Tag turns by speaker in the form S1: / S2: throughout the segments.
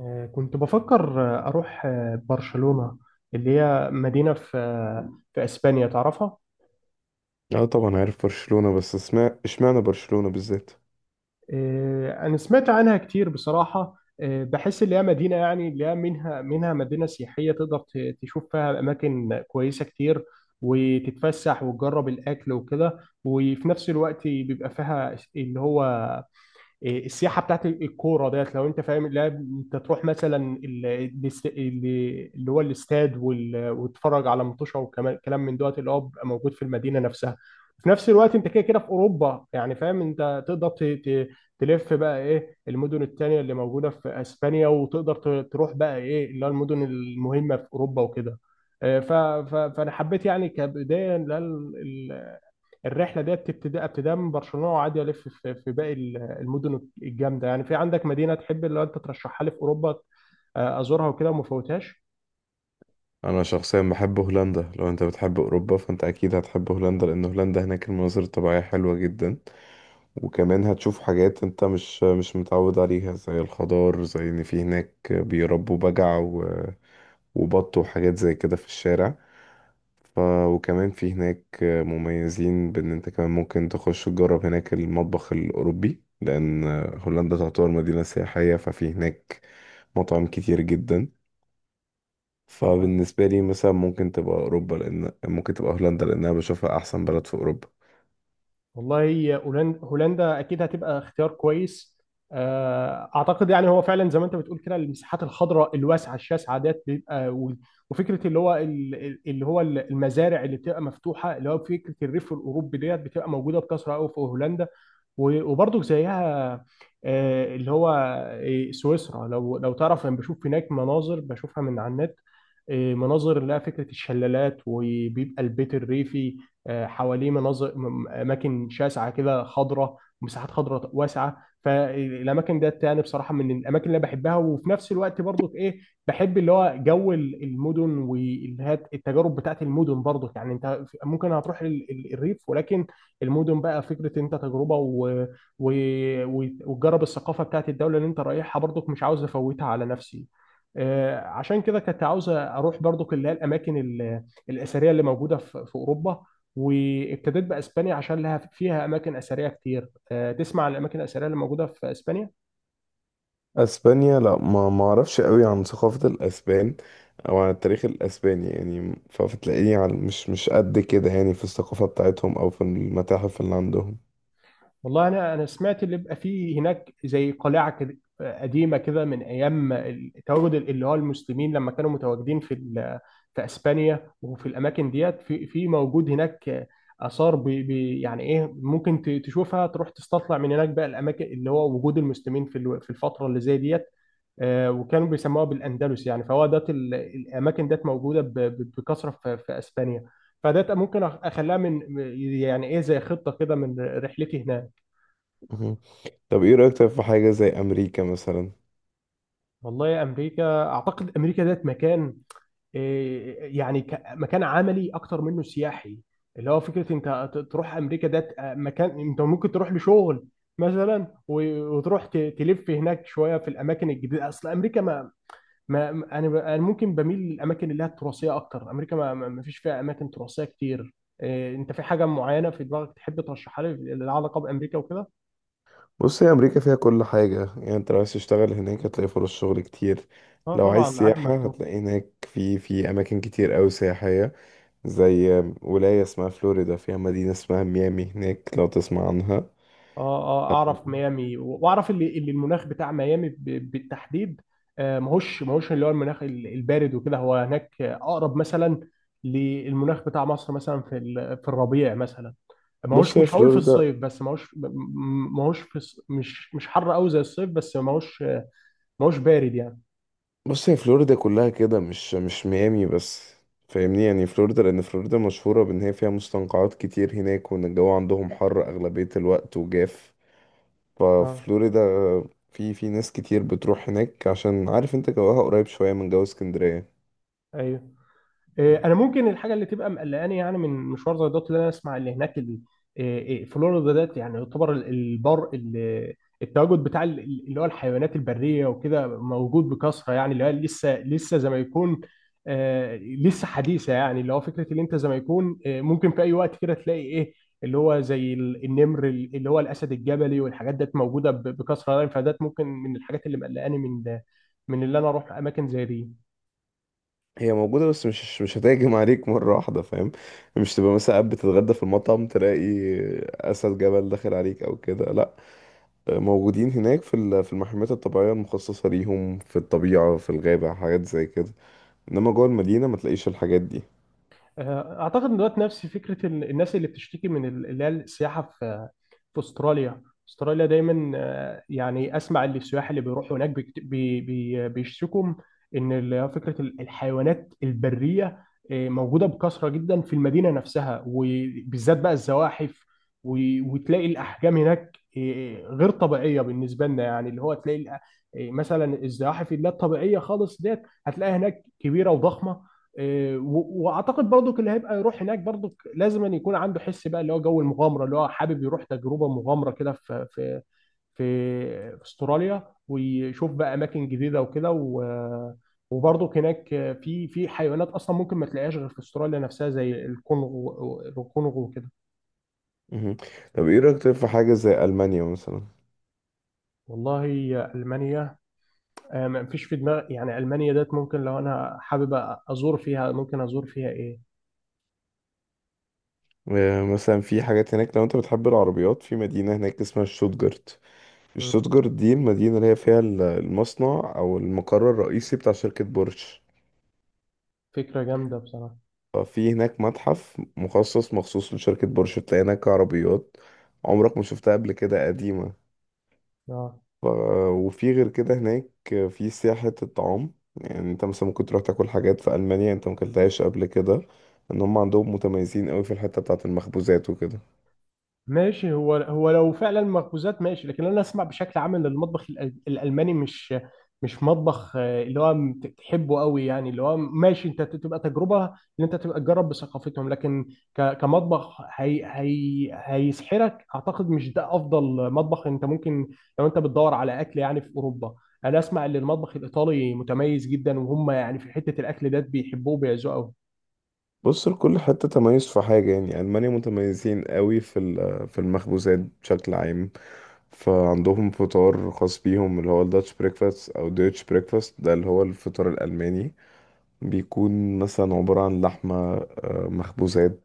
S1: كنت بفكر، أروح، برشلونة، اللي هي مدينة في في أسبانيا تعرفها.
S2: اه طبعا عارف برشلونة، بس اسمع اشمعنى برشلونة بالذات؟
S1: أنا سمعت عنها كتير بصراحة. بحس اللي هي مدينة، يعني اللي هي منها مدينة سياحية، تقدر تشوف فيها أماكن كويسة كتير، وتتفسح وتجرب الأكل وكده. وفي نفس الوقت بيبقى فيها اللي هو إيه، السياحه بتاعت الكوره ديت، لو انت فاهم. لا، انت تروح مثلا اللي هو الاستاد، وتتفرج على مطوشه، وكمان كلام من دوت اللي هو بيبقى موجود في المدينه نفسها. في نفس الوقت انت كده كده في اوروبا، يعني فاهم، انت تقدر تلف بقى ايه المدن التانية اللي موجوده في اسبانيا، وتقدر تروح بقى ايه اللي هو المدن المهمه في اوروبا وكده. آه، ف- فانا حبيت يعني كبدايه الرحله ديت، بتبتدي ابتداء من برشلونه، وعادي الف في باقي المدن الجامده. يعني في عندك مدينه تحب اللي انت ترشحها لي في اوروبا، ازورها وكده وما فوتهاش؟
S2: انا شخصيا بحب هولندا. لو انت بتحب اوروبا فانت اكيد هتحب هولندا، لان هولندا هناك المناظر الطبيعية حلوة جدا. وكمان هتشوف حاجات انت مش متعود عليها، زي الخضار، زي ان في هناك بيربوا بجع وبط وحاجات زي كده في الشارع. ف... وكمان في هناك مميزين بان انت كمان ممكن تخش تجرب هناك المطبخ الاوروبي، لان هولندا تعتبر مدينة سياحية، ففي هناك مطاعم كتير جدا. فبالنسبة لي مثلا ممكن تبقى أوروبا، لأن ممكن تبقى هولندا، لأن أنا بشوفها أحسن بلد في أوروبا.
S1: والله، هولندا، هولندا اكيد هتبقى اختيار كويس. اعتقد يعني هو فعلا زي ما انت بتقول كده، المساحات الخضراء الواسعه الشاسعه ديت بيبقى، وفكره اللي هو اللي هو المزارع اللي بتبقى مفتوحه، اللي هو فكره الريف الاوروبي ديت بتبقى موجوده بكثره قوي في هولندا. وبرضه زيها، آه، اللي هو آه، سويسرا. لو تعرف، انا بشوف هناك مناظر، بشوفها من على النت، مناظر اللي هي فكره الشلالات، وبيبقى البيت الريفي حواليه اماكن شاسعه كده خضراء، ومساحات خضراء واسعه. فالاماكن ديت يعني بصراحه من الاماكن اللي أنا بحبها. وفي نفس الوقت برضو ايه، بحب اللي هو جو المدن والتجارب بتاعت المدن. برضو يعني انت في- ممكن هتروح الريف، ولكن المدن بقى فكره انت تجربه، وتجرب الثقافه بتاعت الدوله اللي انت رايحها، برضو مش عاوز افوتها على نفسي. عشان كده كنت عاوز اروح برضو اللي هي الاماكن الاثريه اللي موجوده في اوروبا. وابتديت باسبانيا عشان لها فيها اماكن اثريه كتير. تسمع عن الاماكن الاثريه اللي موجوده في اسبانيا؟
S2: أسبانيا لا، ما أعرفش قوي عن ثقافة الأسبان أو عن التاريخ الأسباني، يعني مش قد كده يعني في الثقافة بتاعتهم أو في المتاحف اللي عندهم.
S1: والله، انا سمعت اللي بيبقى فيه هناك زي قلعه كده، قديمه كده، من ايام التواجد اللي هو المسلمين لما كانوا متواجدين في في اسبانيا. وفي الاماكن ديت في موجود هناك اثار بي يعني ايه، ممكن تشوفها، تروح تستطلع من هناك بقى الاماكن اللي هو وجود المسلمين في في الفتره اللي زي ديت. وكانوا بيسموها بالاندلس، يعني فهو ده الاماكن ديت موجوده بكثره في اسبانيا. فده ممكن اخليها من يعني ايه، زي خطه كده من رحلتي هناك.
S2: مهم. طب إيه رأيك طيب في حاجة زي أمريكا مثلا؟
S1: والله يا امريكا، اعتقد امريكا ديت مكان يعني مكان عملي اكتر منه سياحي. اللي هو فكره انت تروح امريكا ديت مكان انت ممكن تروح لشغل مثلا، وتروح تلف هناك شويه في الاماكن الجديده. اصل امريكا انا ممكن بميل للاماكن اللي هي التراثيه اكتر. امريكا ما فيش فيها اماكن تراثيه كتير. إيه، انت في حاجه معينه في دماغك تحب ترشحها لي، لها علاقه بامريكا وكده؟
S2: بص، هي أمريكا فيها كل حاجة. يعني أنت لو عايز تشتغل هناك هتلاقي فرص شغل كتير.
S1: اه،
S2: لو عايز
S1: طبعا، عالم
S2: سياحة
S1: مفتوح.
S2: هتلاقي هناك في أماكن كتير أوي سياحية، زي ولاية اسمها فلوريدا، فيها مدينة اسمها ميامي هناك، لو تسمع عنها.
S1: اه، اعرف ميامي واعرف اللي المناخ بتاع ميامي بالتحديد. ماهوش اللي هو المناخ البارد وكده. هو هناك اقرب مثلا للمناخ بتاع مصر مثلا في في الربيع مثلا.
S2: بص
S1: ماهوش،
S2: هي
S1: مش هقول في
S2: فلوريدا
S1: الصيف، بس ماهوش ماهوش في مش حر قوي زي الصيف، بس ماهوش ما هوش بارد يعني.
S2: بص، هي فلوريدا كلها كده، مش ميامي بس. فاهمني يعني؟ فلوريدا، لأن فلوريدا مشهورة بإن هي فيها مستنقعات كتير هناك، وإن الجو عندهم حر أغلبية الوقت وجاف.
S1: اه.
S2: ففلوريدا في ناس كتير بتروح هناك، عشان عارف انت جواها قريب شوية من جو اسكندرية.
S1: ايوه. إيه انا، ممكن الحاجه اللي تبقى مقلقاني يعني من مشوار زي دوت، اللي انا اسمع اللي هناك إيه، فلوريدا ديت يعني يعتبر التواجد بتاع اللي هو الحيوانات البريه وكده موجود بكثره. يعني اللي هو لسه زي ما يكون آه، لسه حديثه. يعني اللي هو فكره اللي انت زي ما يكون آه، ممكن في اي وقت كده تلاقي ايه، اللي هو زي اللي هو الاسد الجبلي والحاجات ديت موجوده بكثره يعني. فديت ممكن من الحاجات اللي مقلقاني من اللي انا اروح اماكن زي دي.
S2: هي موجودة، بس مش هتهجم عليك مرة واحدة، فاهم؟ مش تبقى مثلا قاعد بتتغدى في المطعم تلاقي أسد جبل داخل عليك أو كده، لأ. موجودين هناك في المحميات الطبيعية المخصصة ليهم، في الطبيعة، في الغابة، حاجات زي كده. إنما جوه المدينة ما تلاقيش الحاجات دي.
S1: اعتقد ان دلوقتي نفس فكره الناس اللي بتشتكي من اللي هي السياحه في استراليا. استراليا دايما يعني اسمع اللي السياح اللي بيروحوا هناك بيكت- بي بي بيشتكوا ان فكره الحيوانات البريه موجوده بكثره جدا في المدينه نفسها، وبالذات بقى الزواحف. وتلاقي الاحجام هناك غير طبيعيه بالنسبه لنا. يعني اللي هو تلاقي مثلا الزواحف اللي هي الطبيعيه خالص ديت هتلاقيها هناك كبيره وضخمه. واعتقد برضك اللي هيبقى يروح هناك برضك لازم أن يكون عنده حس بقى اللي هو جو المغامره، اللي هو حابب يروح تجربه مغامره كده في استراليا، ويشوف بقى اماكن جديده وكده. وبرضك هناك في حيوانات اصلا ممكن ما تلاقيهاش غير في استراليا نفسها، زي الكونغو، الكونغو وكده.
S2: مهم. طب إيه رأيك طيب في حاجة زي ألمانيا مثلا؟
S1: والله، المانيا ما فيش في دماغي. يعني المانيا ديت ممكن لو انا حابب ازور فيها، ممكن ازور فيها ايه؟
S2: مثلا في حاجات هناك، لو أنت بتحب العربيات، في مدينة هناك اسمها شتوتجارت.
S1: مم،
S2: شتوتجارت دي المدينة اللي هي فيها المصنع أو المقر الرئيسي بتاع شركة بورش.
S1: فكره جامده بصراحه.
S2: في هناك متحف مخصص مخصوص لشركة بورش، بتلاقي هناك عربيات عمرك ما شفتها قبل كده، قديمة.
S1: آه.
S2: ف... وفي غير كده هناك في سياحة الطعام. يعني انت مثلا ممكن تروح تاكل حاجات في ألمانيا انت مكلتهاش قبل كده، ان هم عندهم متميزين قوي في الحتة بتاعة المخبوزات وكده.
S1: ماشي، هو هو لو فعلا مخبوزات ماشي. لكن انا اسمع بشكل عام ان المطبخ الالماني مش مطبخ اللي هو تحبه قوي. يعني اللي هو ماشي، انت تبقى تجربه ان انت تبقى تجرب بثقافتهم، لكن كمطبخ هي هيسحرك، اعتقد مش ده افضل مطبخ انت ممكن، لو انت بتدور على اكل يعني في اوروبا. انا اسمع ان المطبخ الايطالي متميز جدا، وهم يعني في حته الاكل ده بيحبوه وبيعزوه
S2: بص، لكل حتة تميز في حاجة. يعني ألمانيا متميزين قوي في المخبوزات بشكل عام. فعندهم فطار خاص بيهم، اللي هو الداتش بريكفاست او ديتش بريكفاست، ده اللي هو الفطار الألماني. بيكون مثلا عبارة عن لحمة، مخبوزات،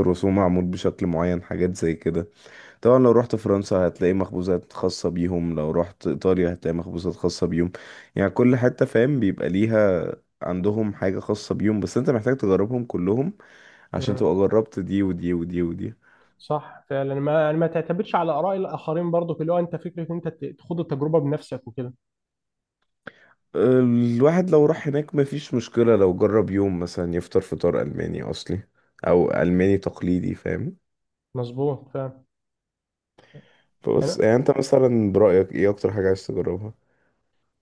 S2: الرسوم معمول بشكل معين، حاجات زي كده. طبعا لو رحت فرنسا هتلاقي مخبوزات خاصة بيهم، لو رحت إيطاليا هتلاقي مخبوزات خاصة بيهم. يعني كل حتة فاهم بيبقى ليها عندهم حاجة خاصة بيهم، بس انت محتاج تجربهم كلهم عشان
S1: قوي.
S2: تبقى جربت دي ودي ودي ودي.
S1: صح فعلا. ما يعني ما تعتمدش على اراء الاخرين برضو. اللي هو انت فكره ان انت تخوض التجربه بنفسك وكده.
S2: الواحد لو راح هناك مفيش مشكلة لو جرب يوم مثلا يفطر فطار ألماني أصلي، أو ألماني تقليدي، فاهم؟
S1: مظبوط فعلا.
S2: فبص، يعني انت مثلا برأيك ايه اكتر حاجة عايز تجربها؟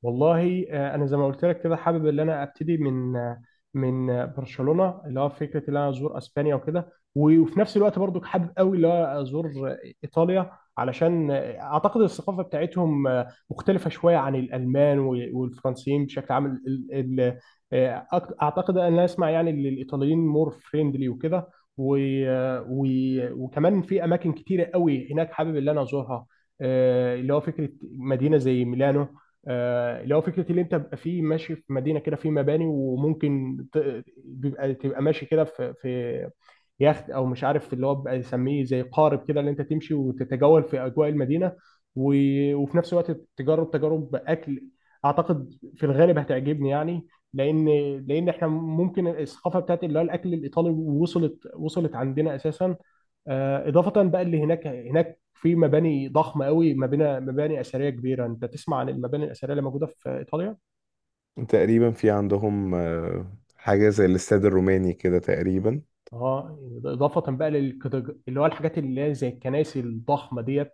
S1: والله، انا زي ما قلت لك كده، حابب ان انا ابتدي من برشلونه، اللي هو فكره ان انا ازور اسبانيا وكده. وفي نفس الوقت برضو حابب قوي اللي هو ازور آه، ايطاليا، علشان اعتقد الثقافه بتاعتهم مختلفه شويه عن الالمان والفرنسيين بشكل عام. اعتقد ان انا اسمع يعني ان الايطاليين مور فريندلي وكده. و- وكمان في اماكن كتيره قوي هناك حابب ان انا ازورها. اللي هو فكره مدينه زي ميلانو، اللي هو فكره اللي انت بيبقى فيه ماشي في مدينه كده في مباني، وممكن ت- بيبقى تبقى ماشي كده في يخت، او مش عارف اللي هو بيبقى يسميه زي قارب كده، اللي انت تمشي وتتجول في اجواء المدينه. وفي نفس الوقت تجرب تجارب اكل، اعتقد في الغالب هتعجبني يعني، لان لان احنا ممكن الثقافه بتاعت اللي هو الاكل الايطالي وصلت وصلت عندنا اساسا. اضافه بقى اللي هناك، هناك في مباني ضخمه قوي، مباني مباني اثريه كبيره. انت تسمع عن المباني الاثريه اللي موجوده في ايطاليا.
S2: تقريبا في عندهم حاجة زي الاستاد الروماني كده تقريبا.
S1: اه، اضافه بقى اللي هو الحاجات اللي هي زي الكنائس الضخمه ديت.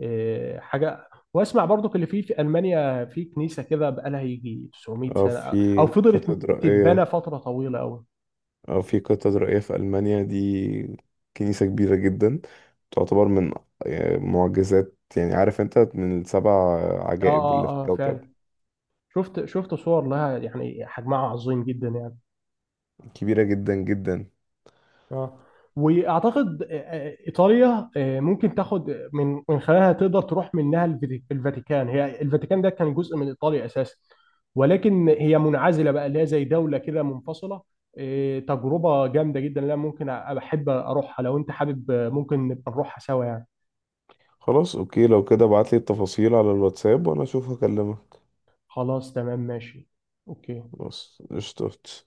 S1: حاجه، واسمع برضو اللي في المانيا في كنيسه كده، بقى لها يجي 900
S2: اه،
S1: سنه، او
S2: في
S1: فضلت
S2: كاتدرائية.
S1: تتبنى فتره طويله قوي.
S2: اه، في كاتدرائية في ألمانيا دي، كنيسة كبيرة جدا، تعتبر من معجزات، يعني عارف انت، من السبع
S1: اه
S2: عجائب اللي في
S1: اه اه،
S2: الكوكب.
S1: فعلا. شفت شفت صور لها، يعني حجمها عظيم جدا يعني.
S2: كبيرة جدا جدا.
S1: اه، واعتقد ايطاليا ممكن تاخد من خلالها، تقدر تروح منها الفاتيكان. هي الفاتيكان ده كان جزء من ايطاليا اساسا، ولكن هي منعزله بقى، اللي هي زي دوله كده منفصله. تجربه جامده جدا، لا ممكن احب اروحها. لو انت حابب ممكن نبقى نروحها سوا يعني.
S2: خلاص اوكي، لو كده ابعتلي التفاصيل على الواتساب وانا اشوف هكلمك.
S1: خلاص تمام، ماشي. اوكي.
S2: خلاص قشطة.